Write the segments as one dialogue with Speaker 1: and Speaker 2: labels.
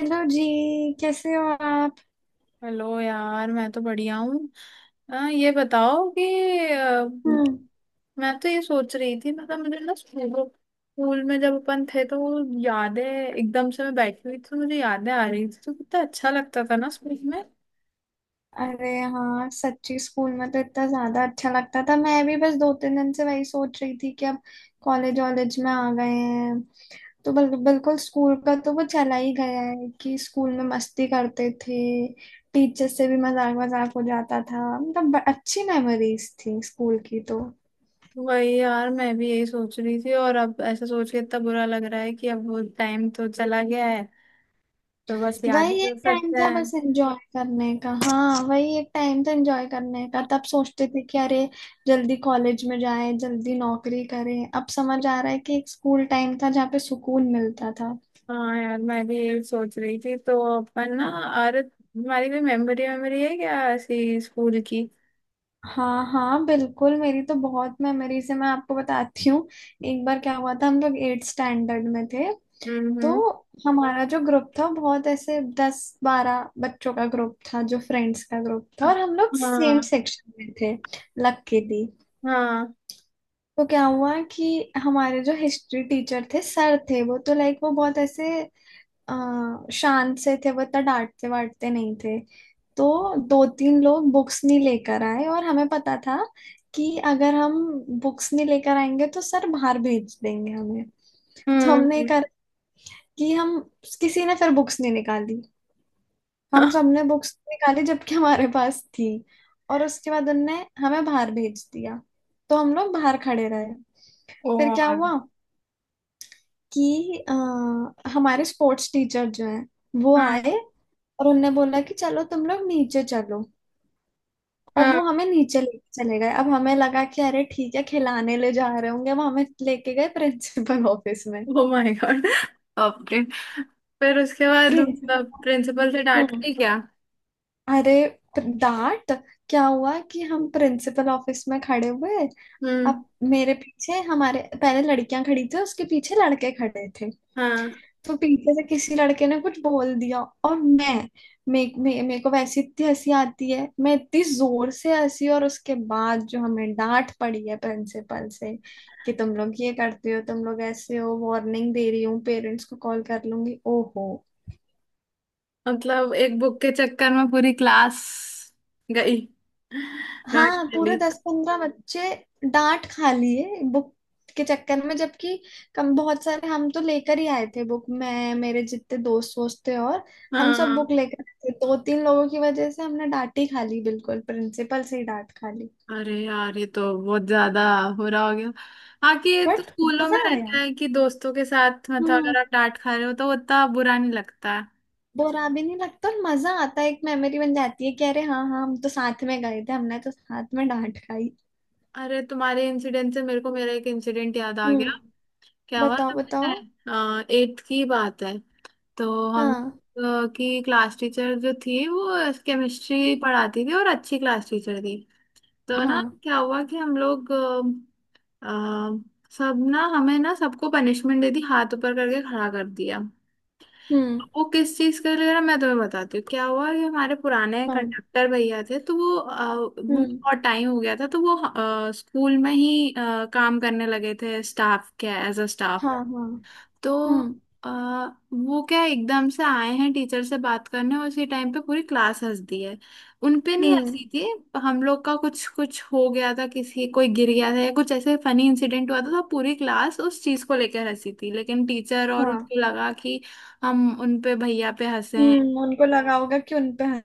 Speaker 1: Hello जी। कैसे हो आप।
Speaker 2: हेलो यार मैं तो बढ़िया हूँ। ये बताओ कि अ,
Speaker 1: हम्म।
Speaker 2: मैं तो ये सोच रही थी। मतलब मुझे ना स्कूल स्कूल में जब अपन थे तो वो यादें एकदम से, मैं बैठी हुई थी तो मुझे यादें आ रही थी, तो कितना अच्छा लगता था ना स्कूल में।
Speaker 1: अरे हाँ, सच्ची स्कूल में तो इतना ज्यादा अच्छा लगता था। मैं भी बस 2 3 दिन से वही सोच रही थी कि अब कॉलेज वॉलेज में आ गए हैं। तो बिल्कुल स्कूल का तो वो चला ही गया है कि स्कूल में मस्ती करते थे। टीचर से भी मजाक मजाक हो जाता था। मतलब अच्छी मेमोरीज थी स्कूल की तो।
Speaker 2: वही यार मैं भी यही सोच रही थी, और अब ऐसा सोच के इतना बुरा लग रहा है कि अब वो टाइम तो चला गया है, तो बस याद ही
Speaker 1: वही एक
Speaker 2: कर
Speaker 1: टाइम
Speaker 2: सकते
Speaker 1: था
Speaker 2: हैं।
Speaker 1: बस एंजॉय करने का। हाँ, वही एक टाइम था एंजॉय करने का। तब सोचते थे कि अरे जल्दी कॉलेज में जाए, जल्दी नौकरी करें। अब समझ आ रहा है कि एक स्कूल टाइम था जहाँ पे सुकून मिलता था।
Speaker 2: हाँ यार मैं भी यही सोच रही थी तो अपन ना, अरे तुम्हारी भी मेमोरी मेमोरी है क्या ऐसी स्कूल की?
Speaker 1: हाँ हाँ, बिल्कुल मेरी तो बहुत मेमोरीज है। मैं आपको बताती हूँ। एक बार क्या हुआ था, हम लोग एट स्टैंडर्ड में थे। तो
Speaker 2: हम्म।
Speaker 1: हमारा जो ग्रुप था, बहुत ऐसे 10 12 बच्चों का ग्रुप था, जो फ्रेंड्स का ग्रुप था। और हम लोग सेम
Speaker 2: हाँ
Speaker 1: सेक्शन में थे लकीली।
Speaker 2: हाँ।
Speaker 1: तो क्या हुआ कि हमारे जो हिस्ट्री टीचर थे, सर थे, वो तो लाइक वो बहुत ऐसे शांत से थे। वो इतना डांटते वाटते नहीं थे। तो 2 3 लोग बुक्स नहीं लेकर आए। और हमें पता था कि अगर हम बुक्स नहीं लेकर आएंगे तो सर बाहर भेज देंगे हमें। तो हमने
Speaker 2: हम्म।
Speaker 1: कहा कि हम, किसी ने फिर बुक्स नहीं निकाली। हम सबने बुक्स निकाली जबकि हमारे पास थी। और उसके बाद उनने हमें बाहर भेज दिया। तो हम लोग बाहर खड़े रहे। फिर क्या
Speaker 2: और
Speaker 1: हुआ कि हमारे स्पोर्ट्स टीचर जो हैं, वो
Speaker 2: हाँ
Speaker 1: आए। और उनने बोला कि चलो तुम लोग नीचे चलो। और
Speaker 2: हाँ।
Speaker 1: वो हमें नीचे लेके चले गए। अब हमें लगा कि अरे ठीक है खिलाने ले जा रहे होंगे। वो हमें लेके गए प्रिंसिपल ऑफिस में।
Speaker 2: ओ माय गॉड, बापरे। फिर उसके बाद मतलब
Speaker 1: प्रिंसिपल।
Speaker 2: प्रिंसिपल से डांट
Speaker 1: हम्म।
Speaker 2: गई क्या?
Speaker 1: अरे डांट। क्या हुआ कि हम प्रिंसिपल ऑफिस में खड़े हुए।
Speaker 2: हम्म।
Speaker 1: अब मेरे पीछे, हमारे पहले लड़कियां खड़ी थी, उसके पीछे लड़के खड़े थे।
Speaker 2: हाँ।
Speaker 1: तो पीछे से किसी लड़के ने कुछ बोल दिया। और मैं, मे, मे, मेरे को वैसे इतनी हंसी आती है, मैं इतनी जोर से हंसी। और उसके बाद जो हमें डांट पड़ी है प्रिंसिपल से कि तुम लोग ये करते हो, तुम लोग ऐसे हो, वार्निंग दे रही हूँ, पेरेंट्स को कॉल कर लूंगी। ओहो।
Speaker 2: मतलब एक बुक के चक्कर में पूरी क्लास गई डांट
Speaker 1: हाँ,
Speaker 2: के
Speaker 1: पूरे
Speaker 2: लिए।
Speaker 1: 10 15 बच्चे डांट खा लिए बुक के चक्कर में। जबकि कम बहुत सारे हम तो लेकर ही आए थे बुक। मैं, मेरे जितने दोस्त वोस्त थे, और हम सब
Speaker 2: हाँ।
Speaker 1: बुक लेकर आए थे। 2 3 लोगों की वजह से हमने डांट ही खा ली। बिल्कुल प्रिंसिपल से ही डांट खा ली।
Speaker 2: अरे यार ये तो बहुत ज्यादा हो रहा, हो गया। हाँ, कि ये तो
Speaker 1: बट
Speaker 2: स्कूलों में
Speaker 1: मजा आया।
Speaker 2: रहता है कि दोस्तों के साथ, मतलब
Speaker 1: हम्म।
Speaker 2: अगर आप डांट खा रहे हो तो उतना बुरा नहीं लगता।
Speaker 1: बुरा भी नहीं लगता और मजा आता है। एक मेमोरी बन जाती है कि अरे हाँ हाँ, हम तो साथ में गए थे, हमने तो साथ में डांट खाई।
Speaker 2: अरे तुम्हारे इंसिडेंट से मेरे को मेरा एक इंसिडेंट याद आ
Speaker 1: हम्म।
Speaker 2: गया। क्या हुआ
Speaker 1: बताओ
Speaker 2: ना,
Speaker 1: बताओ।
Speaker 2: मैं एट्थ की बात है। तो हम
Speaker 1: हाँ
Speaker 2: की क्लास टीचर जो थी वो केमिस्ट्री पढ़ाती थी और अच्छी क्लास टीचर थी। तो ना
Speaker 1: हाँ।
Speaker 2: क्या हुआ कि हम लोग अ, सब ना, हमें ना सबको पनिशमेंट दे दी, हाथ ऊपर करके खड़ा कर दिया।
Speaker 1: हम्म।
Speaker 2: वो किस चीज के लिए ना मैं तुम्हें बताती हूँ। क्या हुआ कि हमारे पुराने
Speaker 1: हाँ।
Speaker 2: कंडक्टर भैया थे, तो वो उनको
Speaker 1: हम्म।
Speaker 2: बहुत टाइम हो गया था, तो वो स्कूल में ही काम करने लगे थे स्टाफ के, एज अ स्टाफ।
Speaker 1: हाँ हाँ।
Speaker 2: तो
Speaker 1: हम्म।
Speaker 2: आ, वो क्या एकदम से आए हैं टीचर से बात करने, उसी टाइम पे पूरी क्लास हंस दी है। उन पे नहीं
Speaker 1: हम्म।
Speaker 2: हंसी थी, हम लोग का कुछ कुछ हो गया था, किसी कोई गिर गया था या कुछ ऐसे फनी इंसिडेंट हुआ था, तो पूरी क्लास उस चीज को लेकर हंसी थी, लेकिन टीचर और
Speaker 1: हाँ।
Speaker 2: उनको लगा कि हम उन पे, भैया पे हंसे हैं।
Speaker 1: हम्म, उनको लगा होगा कि उनपे।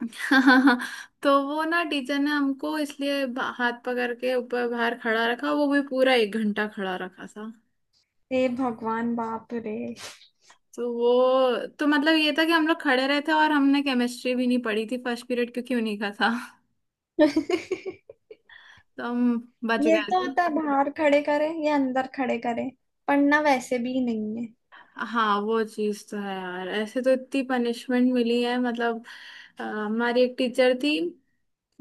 Speaker 2: तो वो ना टीचर ने हमको इसलिए हाथ पकड़ के ऊपर बाहर खड़ा रखा, वो भी पूरा 1 घंटा खड़ा रखा था।
Speaker 1: हे भगवान, बाप रे।
Speaker 2: तो वो तो मतलब ये था कि हम लोग खड़े रहे थे, और हमने केमिस्ट्री भी नहीं पढ़ी थी फर्स्ट पीरियड, क्योंकि उन्हीं का था। तो हम बच
Speaker 1: ये
Speaker 2: गए
Speaker 1: तो
Speaker 2: थे।
Speaker 1: होता है, बाहर खड़े करे, ये अंदर खड़े करे। पढ़ना वैसे भी नहीं है।
Speaker 2: हाँ वो चीज तो है यार, ऐसे तो इतनी पनिशमेंट मिली है मतलब। हमारी एक टीचर थी,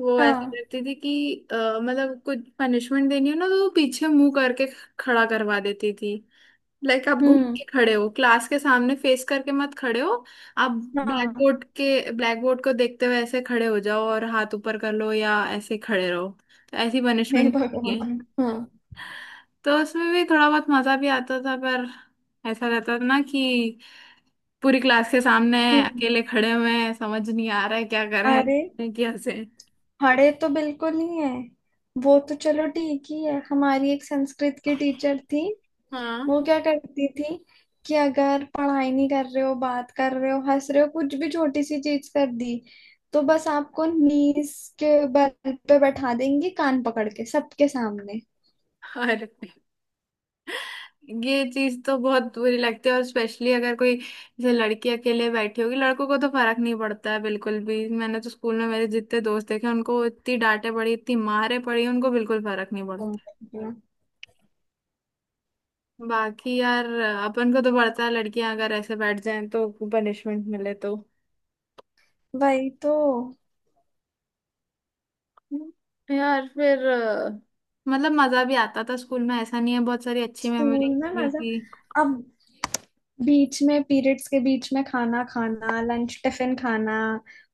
Speaker 2: वो ऐसा
Speaker 1: हाँ।
Speaker 2: करती थी कि अ, मतलब कुछ पनिशमेंट देनी हो ना तो वो पीछे मुंह करके खड़ा करवा देती थी। लाइक आप घूम
Speaker 1: हम्म।
Speaker 2: के खड़े हो, क्लास के सामने फेस करके मत खड़े हो। आप
Speaker 1: हाँ।
Speaker 2: ब्लैक बोर्ड को देखते हुए ऐसे खड़े हो जाओ और हाथ ऊपर कर लो या ऐसे खड़े रहो। तो ऐसी
Speaker 1: हे
Speaker 2: पनिशमेंट है।
Speaker 1: भगवान हाँ।
Speaker 2: तो उसमें भी थोड़ा बहुत मजा भी आता था, पर ऐसा रहता था ना कि पूरी क्लास के सामने
Speaker 1: हम्म।
Speaker 2: अकेले खड़े हुए हैं, समझ नहीं आ रहा है क्या
Speaker 1: अरे
Speaker 2: करें क्या से।
Speaker 1: खड़े तो बिल्कुल ही है। वो तो चलो ठीक ही है। हमारी एक संस्कृत की टीचर थी।
Speaker 2: हाँ।
Speaker 1: वो क्या करती थी कि अगर पढ़ाई नहीं कर रहे हो, बात कर रहे हो, हंस रहे हो, कुछ भी छोटी सी चीज कर दी, तो बस आपको नीस के बल पे बैठा देंगी, कान पकड़ के सबके सामने।
Speaker 2: और ये चीज तो बहुत बुरी लगती है, और स्पेशली अगर कोई, जैसे लड़की अकेले बैठी होगी, लड़कों को तो फर्क नहीं पड़ता है बिल्कुल भी, मैंने तो स्कूल में मेरे जितने दोस्त देखे उनको इतनी डांटे पड़ी, इतनी मारे पड़ी, उनको बिल्कुल फर्क नहीं पड़ता।
Speaker 1: तुम।
Speaker 2: बाकी यार अपन को तो पड़ता है, लड़कियां अगर ऐसे बैठ जाएं तो पनिशमेंट मिले तो।
Speaker 1: वही तो।
Speaker 2: यार फिर मतलब मजा भी आता था स्कूल में, ऐसा नहीं है, बहुत सारी अच्छी मेमोरीज
Speaker 1: स्कूल में
Speaker 2: भी
Speaker 1: मजा।
Speaker 2: थी।
Speaker 1: अब बीच में पीरियड्स के बीच में खाना खाना, लंच टिफिन खाना,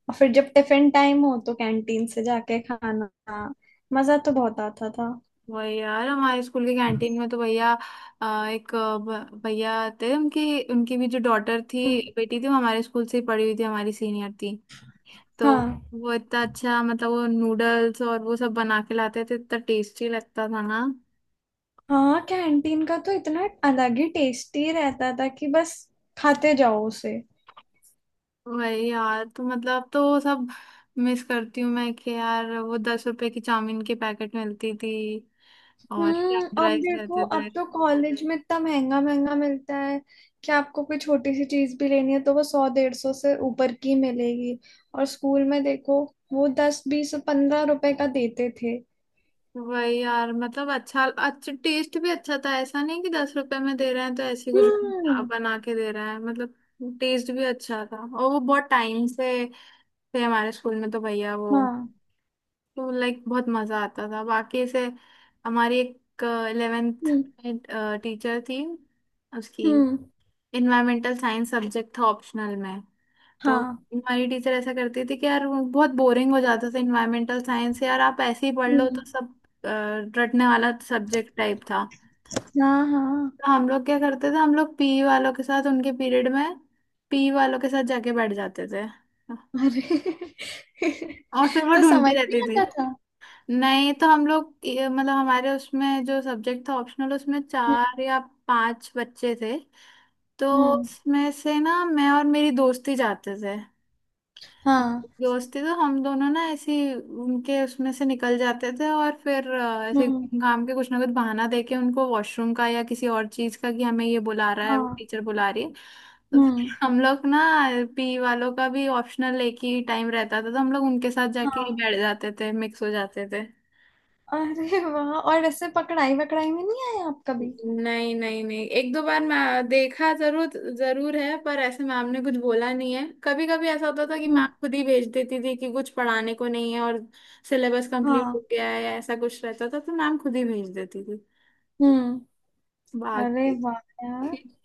Speaker 1: और फिर जब टिफिन टाइम हो तो कैंटीन से जाके खाना। मजा तो बहुत आता था।
Speaker 2: वही यार, हमारे स्कूल की कैंटीन में तो भैया एक भैया थे, उनकी उनकी भी जो डॉटर थी,
Speaker 1: हम्म।
Speaker 2: बेटी थी, वो हमारे स्कूल से ही पढ़ी हुई थी, हमारी सीनियर थी। तो
Speaker 1: हाँ
Speaker 2: वो इतना अच्छा, मतलब वो नूडल्स और वो सब बना के लाते थे, इतना टेस्टी लगता था ना।
Speaker 1: हाँ, कैंटीन का तो इतना अलग ही टेस्टी रहता था कि बस खाते जाओ उसे।
Speaker 2: वही यार तो मतलब तो वो सब मिस करती हूँ मैं कि यार वो 10 रुपए की चाउमीन के पैकेट मिलती थी, और
Speaker 1: हम्म।
Speaker 2: फ्राइड
Speaker 1: अब
Speaker 2: राइस
Speaker 1: देखो
Speaker 2: रहते थे।
Speaker 1: अब तो कॉलेज में इतना महंगा महंगा मिलता है कि आपको कोई छोटी सी चीज भी लेनी है तो वो 100 150 से ऊपर की मिलेगी। और स्कूल में देखो, वो 10 20 15 रुपए का देते थे।
Speaker 2: वही यार, मतलब अच्छा, अच्छा टेस्ट भी अच्छा था, ऐसा नहीं कि 10 रुपए में दे रहे हैं तो ऐसे कुछ
Speaker 1: हम्म।
Speaker 2: बना के दे रहा है, मतलब टेस्ट भी अच्छा था, और वो बहुत टाइम से थे हमारे स्कूल में तो भैया वो,
Speaker 1: हाँ।
Speaker 2: तो लाइक बहुत मजा आता था। बाकी से हमारी एक 11th
Speaker 1: हम्म।
Speaker 2: टीचर थी, उसकी
Speaker 1: हम्म।
Speaker 2: इन्वायरमेंटल साइंस सब्जेक्ट था ऑप्शनल में। तो
Speaker 1: हाँ।
Speaker 2: हमारी टीचर ऐसा करती थी कि यार वो बहुत बोरिंग हो जाता था इन्वायरमेंटल साइंस, यार आप ऐसे ही पढ़ लो,
Speaker 1: हम्म।
Speaker 2: तो सब अ, रटने वाला सब्जेक्ट टाइप था।
Speaker 1: हाँ हाँ।
Speaker 2: तो हम लोग क्या करते थे, हम लोग पी वालों के साथ उनके पीरियड में, पी वालों के साथ जाके बैठ जाते थे।
Speaker 1: अरे,
Speaker 2: और फिर वो
Speaker 1: तो
Speaker 2: ढूंढती
Speaker 1: समझ नहीं
Speaker 2: रहती थी।
Speaker 1: आता था।
Speaker 2: नहीं तो हम लोग मतलब हमारे उसमें जो सब्जेक्ट था ऑप्शनल उसमें
Speaker 1: हम्म।
Speaker 2: चार या पांच बच्चे थे, तो
Speaker 1: हम्म।
Speaker 2: उसमें से ना मैं और मेरी दोस्ती जाते थे,
Speaker 1: हाँ।
Speaker 2: दोस्ती तो हम दोनों ना ऐसी उनके उसमें से निकल जाते थे, और फिर ऐसे
Speaker 1: हम्म।
Speaker 2: काम के कुछ ना कुछ बहाना देके, उनको वॉशरूम का या किसी और चीज का कि हमें ये बुला रहा है, वो
Speaker 1: हाँ।
Speaker 2: टीचर बुला रही है। तो फिर
Speaker 1: हम्म।
Speaker 2: हम लोग ना, पी वालों का भी ऑप्शनल एक ही टाइम रहता था, तो हम लोग उनके साथ जाके
Speaker 1: हाँ।
Speaker 2: बैठ जाते थे, मिक्स हो जाते थे।
Speaker 1: अरे वाह, और ऐसे पकड़ाई वकड़ाई में नहीं आए आप कभी।
Speaker 2: नहीं, नहीं, नहीं, एक दो बार मैं देखा जरूर, जरूर है, पर ऐसे मैम ने कुछ बोला नहीं है। कभी कभी ऐसा होता था कि मैम
Speaker 1: हम्म।
Speaker 2: खुद ही भेज देती थी कि कुछ पढ़ाने को नहीं है और सिलेबस कंप्लीट
Speaker 1: हाँ।
Speaker 2: हो गया है, ऐसा कुछ रहता था, तो मैम खुद ही भेज देती थी।
Speaker 1: हम्म। अरे
Speaker 2: बाकी।
Speaker 1: वाह यार।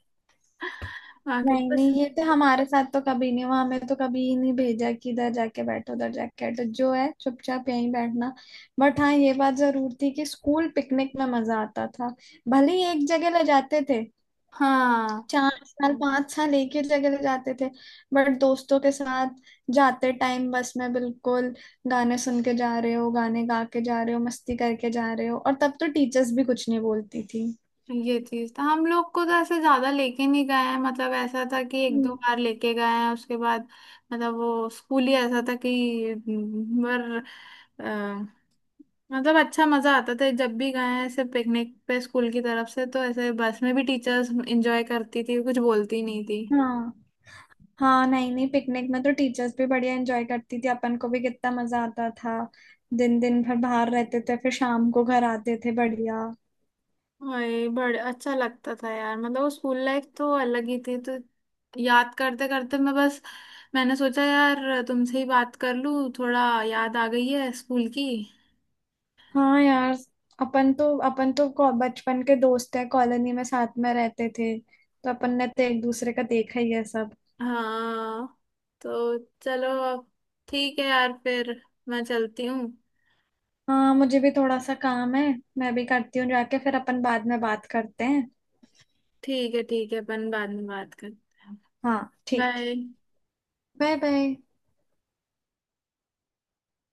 Speaker 2: बाकी तो
Speaker 1: नहीं
Speaker 2: बस।
Speaker 1: नहीं, ये तो हमारे साथ तो कभी नहीं हुआ। हमें तो कभी ही नहीं भेजा कि इधर जाके बैठो, उधर जाके बैठो, जो है चुपचाप यहीं बैठना। बट हाँ, ये बात जरूर थी कि स्कूल पिकनिक में मजा आता था। भले ही एक जगह ले जाते थे,
Speaker 2: हाँ
Speaker 1: 4 साल 5 साल एक ही जगह ले जाते थे। बट दोस्तों के साथ जाते टाइम बस में, बिल्कुल गाने सुन के जा रहे हो, गाने गा के जा रहे हो, मस्ती करके जा रहे हो। और तब तो टीचर्स भी कुछ नहीं बोलती थी।
Speaker 2: ये चीज था, हम लोग को तो ऐसे ज्यादा लेके नहीं गए हैं, मतलब ऐसा था कि एक दो
Speaker 1: हम्म।
Speaker 2: बार लेके गए हैं, उसके बाद मतलब वो स्कूल ही ऐसा था कि पर अ, मतलब अच्छा मजा आता था जब भी गए हैं, ऐसे पिकनिक पे स्कूल की तरफ से, तो ऐसे बस में भी टीचर्स एंजॉय करती थी, कुछ बोलती नहीं थी।
Speaker 1: हाँ हाँ, नहीं नहीं, पिकनिक में तो टीचर्स भी बढ़िया एंजॉय करती थी, अपन को भी कितना मजा आता था। दिन दिन भर बाहर रहते थे, फिर शाम को घर आते थे। बढ़िया।
Speaker 2: वही बड़े अच्छा लगता था यार, मतलब वो स्कूल लाइफ तो अलग ही थी। तो याद करते करते मैं बस, मैंने सोचा यार तुमसे ही बात कर लूं, थोड़ा याद आ गई है स्कूल की।
Speaker 1: हाँ यार, अपन तो बचपन के दोस्त है, कॉलोनी में साथ में रहते थे, तो अपन ने तो एक दूसरे का देखा ही है सब।
Speaker 2: हाँ तो चलो, अब ठीक है यार फिर, मैं चलती हूँ।
Speaker 1: हाँ मुझे भी थोड़ा सा काम है। मैं भी करती हूँ जाके। फिर अपन बाद में बात करते हैं।
Speaker 2: ठीक है, ठीक है, अपन बाद में बात करते हैं।
Speaker 1: हाँ ठीक।
Speaker 2: बाय।
Speaker 1: Bye bye.